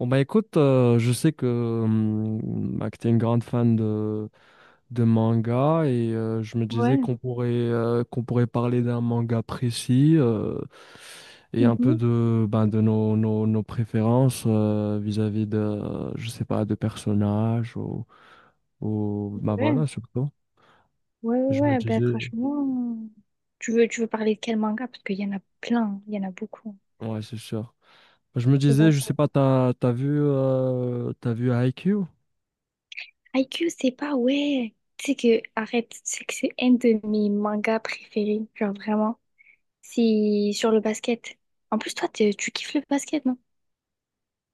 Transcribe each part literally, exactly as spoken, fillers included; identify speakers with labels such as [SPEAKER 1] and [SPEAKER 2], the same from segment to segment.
[SPEAKER 1] Bon bah écoute, euh, je sais que, hum, bah, que tu es une grande fan de, de manga et euh, je me disais
[SPEAKER 2] Ouais.
[SPEAKER 1] qu'on pourrait, euh, qu'on pourrait parler d'un manga précis euh, et un peu
[SPEAKER 2] Mhm.
[SPEAKER 1] de, ben, de nos, nos, nos préférences euh, vis-à-vis de, euh, je sais pas, de personnages ou, ou bah
[SPEAKER 2] Ouais.
[SPEAKER 1] voilà, surtout.
[SPEAKER 2] Ouais, ouais,
[SPEAKER 1] Je me
[SPEAKER 2] ouais. Ben,
[SPEAKER 1] disais,
[SPEAKER 2] franchement, tu veux, tu veux parler de quel manga? Parce qu'il y en a plein, il y en a beaucoup.
[SPEAKER 1] ouais, c'est sûr. Je me
[SPEAKER 2] Je vais voir
[SPEAKER 1] disais, je
[SPEAKER 2] ça.
[SPEAKER 1] sais pas, t'as, t'as vu, euh, t'as vu Haikyuu?
[SPEAKER 2] Q c'est pas, ouais. Tu sais que, arrête, tu sais que c'est un de mes mangas préférés, genre vraiment. C'est sur le basket. En plus, toi, t'es- tu kiffes le basket, non?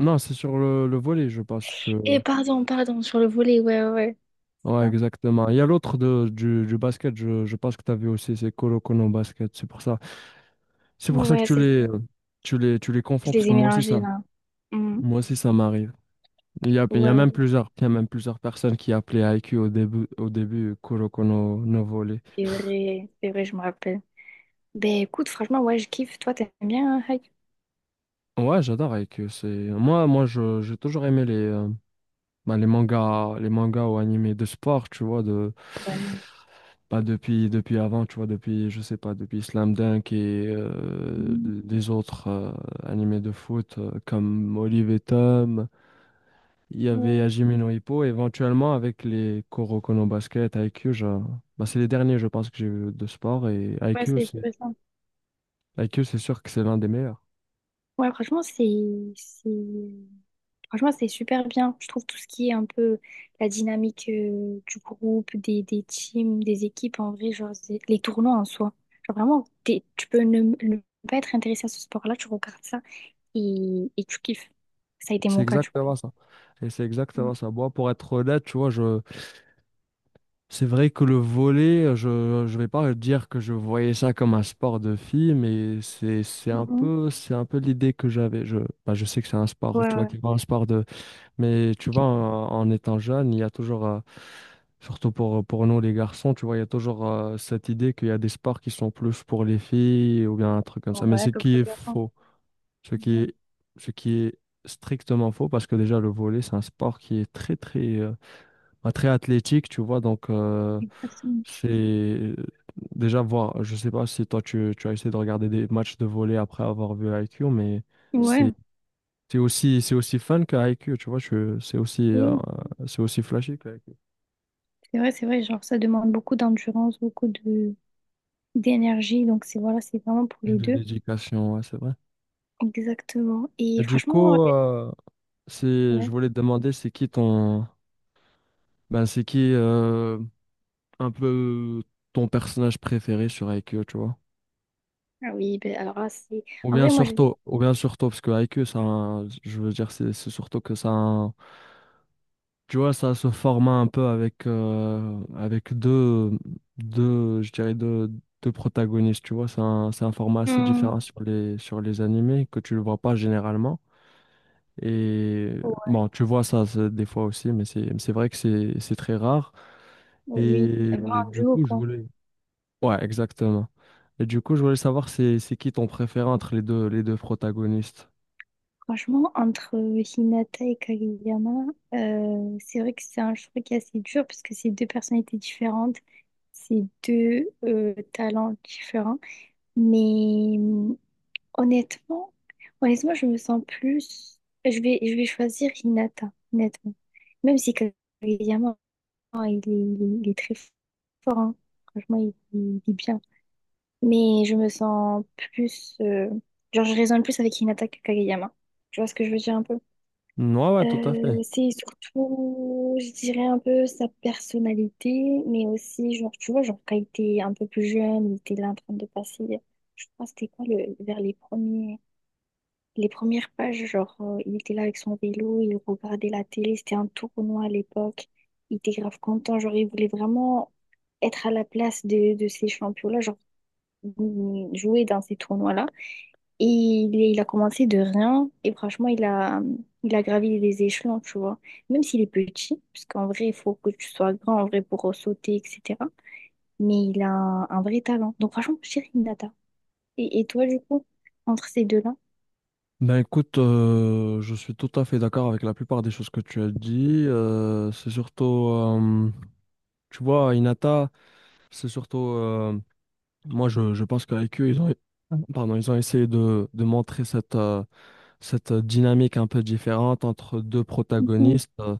[SPEAKER 1] Non, c'est sur le, le volet, je pense.
[SPEAKER 2] Et pardon, pardon, sur le volley, ouais, ouais, ouais.
[SPEAKER 1] Ouais,
[SPEAKER 2] C'est ça.
[SPEAKER 1] exactement. Il y a l'autre de- du, du basket, je, je pense que tu as vu aussi, c'est Colo Colo basket. C'est pour ça, c'est pour ça que
[SPEAKER 2] Ouais,
[SPEAKER 1] tu
[SPEAKER 2] c'est ça.
[SPEAKER 1] les, tu les, tu les
[SPEAKER 2] Je
[SPEAKER 1] confonds, parce
[SPEAKER 2] les
[SPEAKER 1] que
[SPEAKER 2] ai
[SPEAKER 1] moi aussi,
[SPEAKER 2] mélangés
[SPEAKER 1] ça,
[SPEAKER 2] là. Mhm.
[SPEAKER 1] moi aussi, ça m'arrive. Il y a, il y a
[SPEAKER 2] Ouais,
[SPEAKER 1] même
[SPEAKER 2] ouais,
[SPEAKER 1] plusieurs, il y a même plusieurs personnes qui appelaient Haikyuu au début, au début Colo Colo no Volley.
[SPEAKER 2] c'est vrai, c'est vrai, je me rappelle. Ben écoute, franchement, ouais, je kiffe. Toi, t'aimes bien hein.
[SPEAKER 1] Ouais, j'adore Haikyuu. C'est, moi, moi, je, j'ai toujours aimé les, euh, ben, les mangas, les mangas ou animés de sport, tu vois, de,
[SPEAKER 2] Ouais.
[SPEAKER 1] Pas depuis, depuis avant, tu vois, depuis, je sais pas, depuis Slam Dunk et euh,
[SPEAKER 2] Mm.
[SPEAKER 1] les autres euh, animés de foot euh, comme Olive et Tom, il y avait
[SPEAKER 2] Ouais.
[SPEAKER 1] Hajime no Ippo, éventuellement avec les Kuroko no Basket, Haikyuu, je- bah, c'est les derniers, je pense, que j'ai vu de sport, et
[SPEAKER 2] Ouais,
[SPEAKER 1] Haikyuu,
[SPEAKER 2] c'est
[SPEAKER 1] c'est
[SPEAKER 2] plus simple.
[SPEAKER 1] Haikyuu, c'est sûr que c'est l'un des meilleurs.
[SPEAKER 2] Ouais, franchement, c'est, c'est, franchement, c'est super bien. Je trouve tout ce qui est un peu la dynamique euh, du groupe, des, des teams, des équipes, en vrai, genre, c'est- les tournois en soi. Genre, vraiment, t'es- tu peux ne, ne pas être intéressé à ce sport-là, tu regardes ça et, et tu kiffes. Ça a été
[SPEAKER 1] C'est
[SPEAKER 2] mon cas, du coup.
[SPEAKER 1] exactement ça. Et c'est
[SPEAKER 2] Mm.
[SPEAKER 1] exactement ça. Moi, pour être honnête, tu vois, je, c'est vrai que le volley, je je vais pas dire que je voyais ça comme un sport de filles, mais c'est c'est un
[SPEAKER 2] Mhm.
[SPEAKER 1] peu c'est un peu l'idée que j'avais. Je bah, je sais que c'est un sport,
[SPEAKER 2] Ouais,
[SPEAKER 1] tu vois,
[SPEAKER 2] ouais.
[SPEAKER 1] qui est pas un sport de, mais tu vois, en, en étant jeune, il y a toujours, euh, surtout pour pour nous les garçons, tu vois, il y a toujours euh, cette idée qu'il y a des sports qui sont plus pour les filles ou bien un truc comme
[SPEAKER 2] Bon,
[SPEAKER 1] ça. Mais
[SPEAKER 2] voilà,
[SPEAKER 1] ce
[SPEAKER 2] comme
[SPEAKER 1] qui
[SPEAKER 2] pour
[SPEAKER 1] est
[SPEAKER 2] les garçons.
[SPEAKER 1] faux, ce qui
[SPEAKER 2] Mhm.
[SPEAKER 1] est ce qui est strictement faux, parce que déjà le volley, c'est un sport qui est très très euh, bah, très athlétique, tu vois, donc. euh,
[SPEAKER 2] Exactement.
[SPEAKER 1] C'est déjà voir, je sais pas si toi tu, tu as essayé de regarder des matchs de volley après avoir vu Haikyuu, mais c'est
[SPEAKER 2] Ouais,
[SPEAKER 1] c'est aussi, c'est aussi fun que Haikyuu, tu vois, je- c'est aussi, euh,
[SPEAKER 2] oui,
[SPEAKER 1] c'est aussi flashy que Haikyuu.
[SPEAKER 2] c'est vrai, c'est vrai. Genre, ça demande beaucoup d'endurance, beaucoup de, d'énergie. Donc, c'est voilà, c'est vraiment pour les
[SPEAKER 1] De
[SPEAKER 2] deux.
[SPEAKER 1] dédication, ouais, c'est vrai.
[SPEAKER 2] Exactement. Et
[SPEAKER 1] Et du
[SPEAKER 2] franchement.
[SPEAKER 1] coup, euh, c'est,
[SPEAKER 2] Ouais.
[SPEAKER 1] je voulais te demander, c'est qui ton, ben, c'est qui euh, un peu ton personnage préféré sur Haikyuu, tu vois?
[SPEAKER 2] Ah oui, ben alors là, c'est...
[SPEAKER 1] Ou
[SPEAKER 2] En
[SPEAKER 1] bien
[SPEAKER 2] vrai, moi, je vais...
[SPEAKER 1] surtout, ou bien surtout, parce que Haikyuu, ça, a un- je veux dire, c'est c'est surtout que ça. a un- Tu vois, ça se format un peu avec, euh, avec deux, deux, je dirais deux, deux protagonistes, tu vois. C'est un, c'est un format assez
[SPEAKER 2] Hmm.
[SPEAKER 1] différent sur les, sur les animés que tu ne vois pas généralement. Et
[SPEAKER 2] Ouais,
[SPEAKER 1] bon, tu vois ça c'est- des fois aussi, mais c'est, c'est vrai que c'est, c'est très rare.
[SPEAKER 2] oui,
[SPEAKER 1] Et
[SPEAKER 2] vraiment un
[SPEAKER 1] du
[SPEAKER 2] duo,
[SPEAKER 1] coup, je
[SPEAKER 2] quoi.
[SPEAKER 1] voulais... Ouais, exactement. Et du coup, je voulais savoir c'est, c'est qui ton préféré entre les deux, les deux protagonistes.
[SPEAKER 2] Franchement, entre Hinata et Kageyama, euh, c'est vrai que c'est un choix qui est assez dur parce que c'est deux personnalités différentes, c'est deux euh, talents différents. Mais hum, honnêtement, honnêtement, je me sens plus... Je vais, je vais choisir Hinata, honnêtement. Même si Kageyama, oh, il est, il est- il est très fort, hein. Franchement, il, il est bien. Mais je me sens plus. euh, Genre, je raisonne plus avec Hinata que Kageyama. Tu vois ce que je veux dire un peu?
[SPEAKER 1] Ouais, ouais, tout à fait.
[SPEAKER 2] Euh, c'est surtout, je dirais un peu sa personnalité, mais aussi, genre, tu vois, genre, quand il était un peu plus jeune, il était là en train de passer, je crois, c'était quoi, le, vers les premiers. Les premières pages, genre, euh, il était là avec son vélo, il regardait la télé, c'était un tournoi à l'époque. Il était grave content, genre, il voulait vraiment être à la place de, de ces champions-là, genre, mm, jouer dans ces tournois-là. Et il, il a commencé de rien, et franchement, il a, il a gravi les échelons, tu vois. Même s'il est petit, parce qu'en vrai, il faut que tu sois grand, en vrai, pour sauter, et cetera. Mais il a un, un vrai talent. Donc, franchement, chérie Nata. Et, et toi, du coup, entre ces deux-là?
[SPEAKER 1] Ben écoute, euh, je suis tout à fait d'accord avec la plupart des choses que tu as dit. Euh, c'est surtout, euh, tu vois, Inata, c'est surtout, euh, moi je, je pense qu'avec eux, ils ont, pardon, ils ont essayé de, de montrer cette, euh, cette dynamique un peu différente entre deux
[SPEAKER 2] Mmh.
[SPEAKER 1] protagonistes, euh,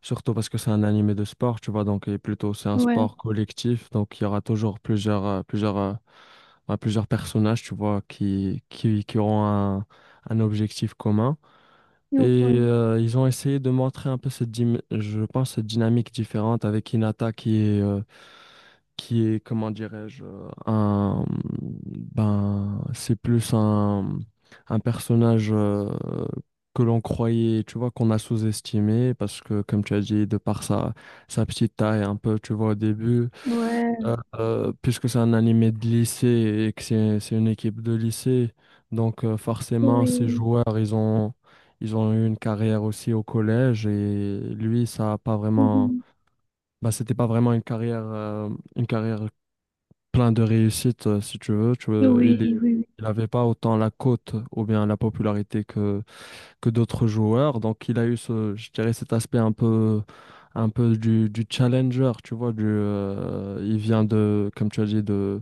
[SPEAKER 1] surtout parce que c'est un animé de sport, tu vois, donc et plutôt c'est un
[SPEAKER 2] Ouais,
[SPEAKER 1] sport collectif, donc il y aura toujours plusieurs, euh, plusieurs, euh, ouais, plusieurs personnages, tu vois, qui, qui, qui auront un un objectif commun. Et
[SPEAKER 2] ouais,
[SPEAKER 1] euh, ils ont essayé de montrer un peu cette, dim- je pense, cette dynamique différente avec Hinata qui est, euh, qui est, comment dirais-je, euh, un, ben, c'est plus un, un personnage euh, que l'on croyait, tu vois, qu'on a sous-estimé parce que, comme tu as dit, de par sa, sa petite taille un peu, tu vois, au début.
[SPEAKER 2] ouais,
[SPEAKER 1] Euh, euh, puisque c'est un animé de lycée et que c'est c'est une équipe de lycée, donc euh, forcément ces
[SPEAKER 2] oui,
[SPEAKER 1] joueurs ils ont ils ont eu une carrière aussi au collège, et lui ça a pas vraiment,
[SPEAKER 2] mhm.
[SPEAKER 1] bah c'était pas vraiment une carrière, euh, une carrière plein de réussite, euh, si tu veux tu veux
[SPEAKER 2] Oui,
[SPEAKER 1] il est-
[SPEAKER 2] oui, oui,
[SPEAKER 1] il avait pas autant la cote ou bien la popularité que que d'autres joueurs, donc il a eu ce, je dirais, cet aspect un peu un peu du, du challenger, tu vois, du, euh, il vient de, comme tu as dit, de,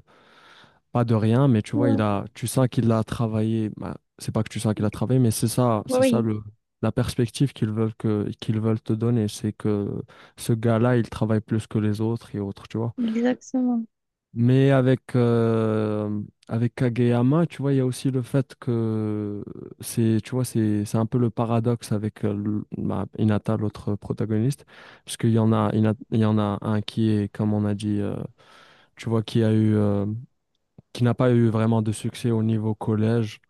[SPEAKER 1] pas de rien, mais tu vois, il
[SPEAKER 2] ouais.
[SPEAKER 1] a, tu sens qu'il a travaillé. Bah, c'est pas que tu sens qu'il a travaillé, mais c'est ça, c'est ça
[SPEAKER 2] Oui,
[SPEAKER 1] le, la perspective qu'ils veulent que, qu'ils veulent te donner, c'est que ce gars-là, il travaille plus que les autres et autres, tu vois.
[SPEAKER 2] exactement.
[SPEAKER 1] Mais avec euh, avec Kageyama, tu vois, il y a aussi le fait que c'est, tu vois, c'est c'est un peu le paradoxe avec euh, le- bah, Hinata, l'autre protagoniste, parce qu'il y en a, il y en a il y en a un qui est, comme on a dit, euh, tu vois, qui a eu euh, qui n'a pas eu vraiment de succès au niveau collège.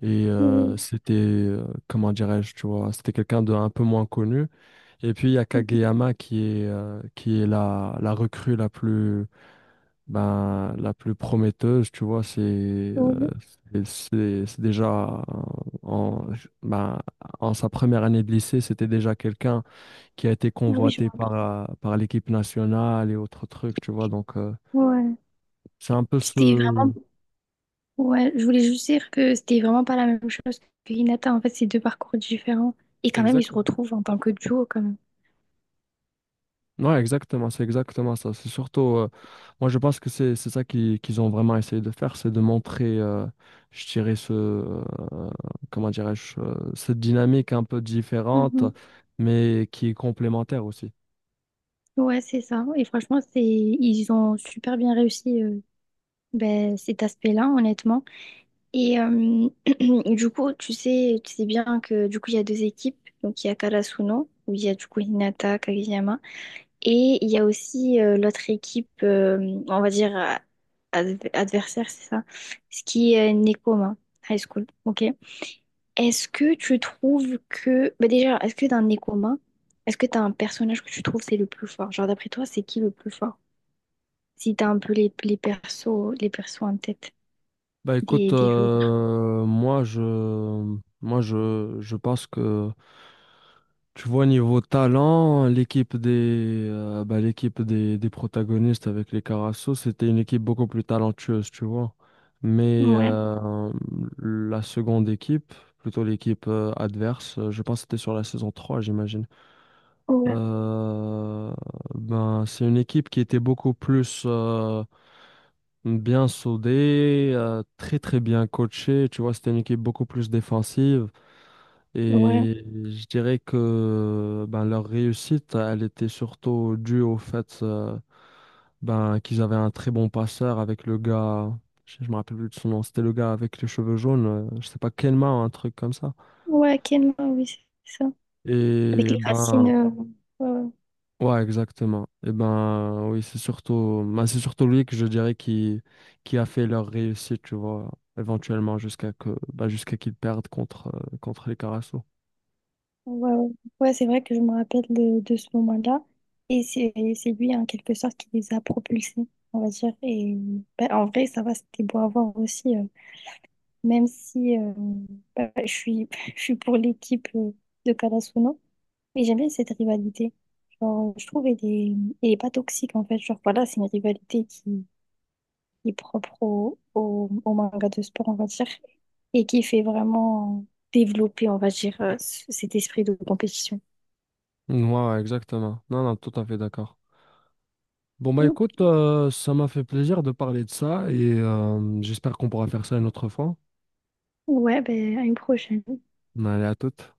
[SPEAKER 1] Et euh,
[SPEAKER 2] Oui,
[SPEAKER 1] c'était, euh, comment dirais-je, tu vois, c'était quelqu'un de un peu moins connu. Et puis il y a
[SPEAKER 2] mhm.
[SPEAKER 1] Kageyama qui est, euh, qui est la, la recrue la plus, ben, la plus prometteuse, tu vois. C'est euh,
[SPEAKER 2] Ouais.
[SPEAKER 1] c'est c'est- c'est déjà en, ben, en sa première année de lycée, c'était déjà quelqu'un qui a été
[SPEAKER 2] Ah oui, je
[SPEAKER 1] convoité
[SPEAKER 2] vois.
[SPEAKER 1] par, euh, par l'équipe nationale et autres trucs, tu vois. Donc euh,
[SPEAKER 2] Ouais,
[SPEAKER 1] c'est un peu
[SPEAKER 2] c'était
[SPEAKER 1] ce.
[SPEAKER 2] vraiment. Ouais, je voulais juste dire que c'était vraiment pas la même chose que Hinata. En fait, c'est deux parcours différents. Et quand même, ils se
[SPEAKER 1] Exactement.
[SPEAKER 2] retrouvent en tant que duo, quand même.
[SPEAKER 1] Ouais, exactement, c'est exactement ça. C'est surtout, euh, moi je pense que c'est c'est ça qui- qu'ils ont vraiment essayé de faire, c'est de montrer, euh, je dirais, ce, euh, comment dirais-je, euh, cette dynamique un peu différente,
[SPEAKER 2] Mhm.
[SPEAKER 1] mais qui est complémentaire aussi.
[SPEAKER 2] Ouais, c'est ça. Et franchement, c'est ils ont super bien réussi euh, ben, cet aspect-là, honnêtement. Et euh, du coup, tu sais, tu sais bien que du coup, il y a deux équipes. Donc, il y a Karasuno, où il y a du coup Hinata, Kageyama. Et il y a aussi euh, l'autre équipe, euh, on va dire euh, adv- adversaire, c'est ça, ce qui est Nekoma High School. Ok. Est-ce que tu trouves que. Bah, déjà, est-ce que dans Nekoma, est-ce que tu as un personnage que tu trouves c'est le plus fort? Genre, d'après toi, c'est qui le plus fort? Si tu as un peu les, les persos, les persos en tête
[SPEAKER 1] Bah écoute,
[SPEAKER 2] des, des joueurs.
[SPEAKER 1] euh, moi je, moi je, je pense que tu vois, niveau talent, l'équipe des, euh, bah, l'équipe des, des protagonistes avec les Carasso, c'était une équipe beaucoup plus talentueuse, tu vois. Mais
[SPEAKER 2] Ouais,
[SPEAKER 1] euh, la seconde équipe, plutôt l'équipe euh, adverse, euh, je pense que c'était sur la saison trois, j'imagine.
[SPEAKER 2] ouais,
[SPEAKER 1] Euh, ben, c'est une équipe qui était beaucoup plus euh, bien soudée, euh, très très bien coachée, tu vois, c'était une équipe beaucoup plus défensive.
[SPEAKER 2] ouais,
[SPEAKER 1] Et je dirais que ben, leur réussite, elle était surtout due au fait, euh, ben, qu'ils avaient un très bon passeur avec le gars, je je me rappelle plus de son nom, c'était le gars avec les cheveux jaunes, euh, je sais pas, Kelma, un truc comme ça.
[SPEAKER 2] ouais, quel oui, c'est ça. Avec
[SPEAKER 1] Et
[SPEAKER 2] les racines.
[SPEAKER 1] ben,
[SPEAKER 2] euh, ouais, ouais,
[SPEAKER 1] ouais, exactement. Et ben, oui, c'est surtout, ben, c'est surtout lui que je dirais qui, qui a fait leur réussite, tu vois, éventuellement jusqu'à que, ben, jusqu'à qu'ils perdent contre, euh, contre les Carasso.
[SPEAKER 2] ouais. Ouais. Ouais, c'est vrai que je me rappelle de, de ce moment-là. Et c'est c'est lui, en quelque sorte, qui les a propulsés, on va dire. Et bah, en vrai, ça va, c'était beau à voir aussi. euh, même si euh, bah, je suis, je suis pour l'équipe euh, de Kalasuno, mais j'aime bien cette rivalité. Genre, je trouve qu'elle est, elle est pas toxique, en fait. Genre, voilà, c'est une rivalité qui qui est propre au, au, au manga de sport, on va dire, et qui fait vraiment développer, on va dire, euh, c- cet esprit de compétition.
[SPEAKER 1] Ouais, ouais, exactement. Non, non, tout à fait d'accord. Bon, bah écoute, euh, ça m'a fait plaisir de parler de ça et euh, j'espère qu'on pourra faire ça une autre fois.
[SPEAKER 2] Ouais, ben, à une prochaine.
[SPEAKER 1] Allez, à toute.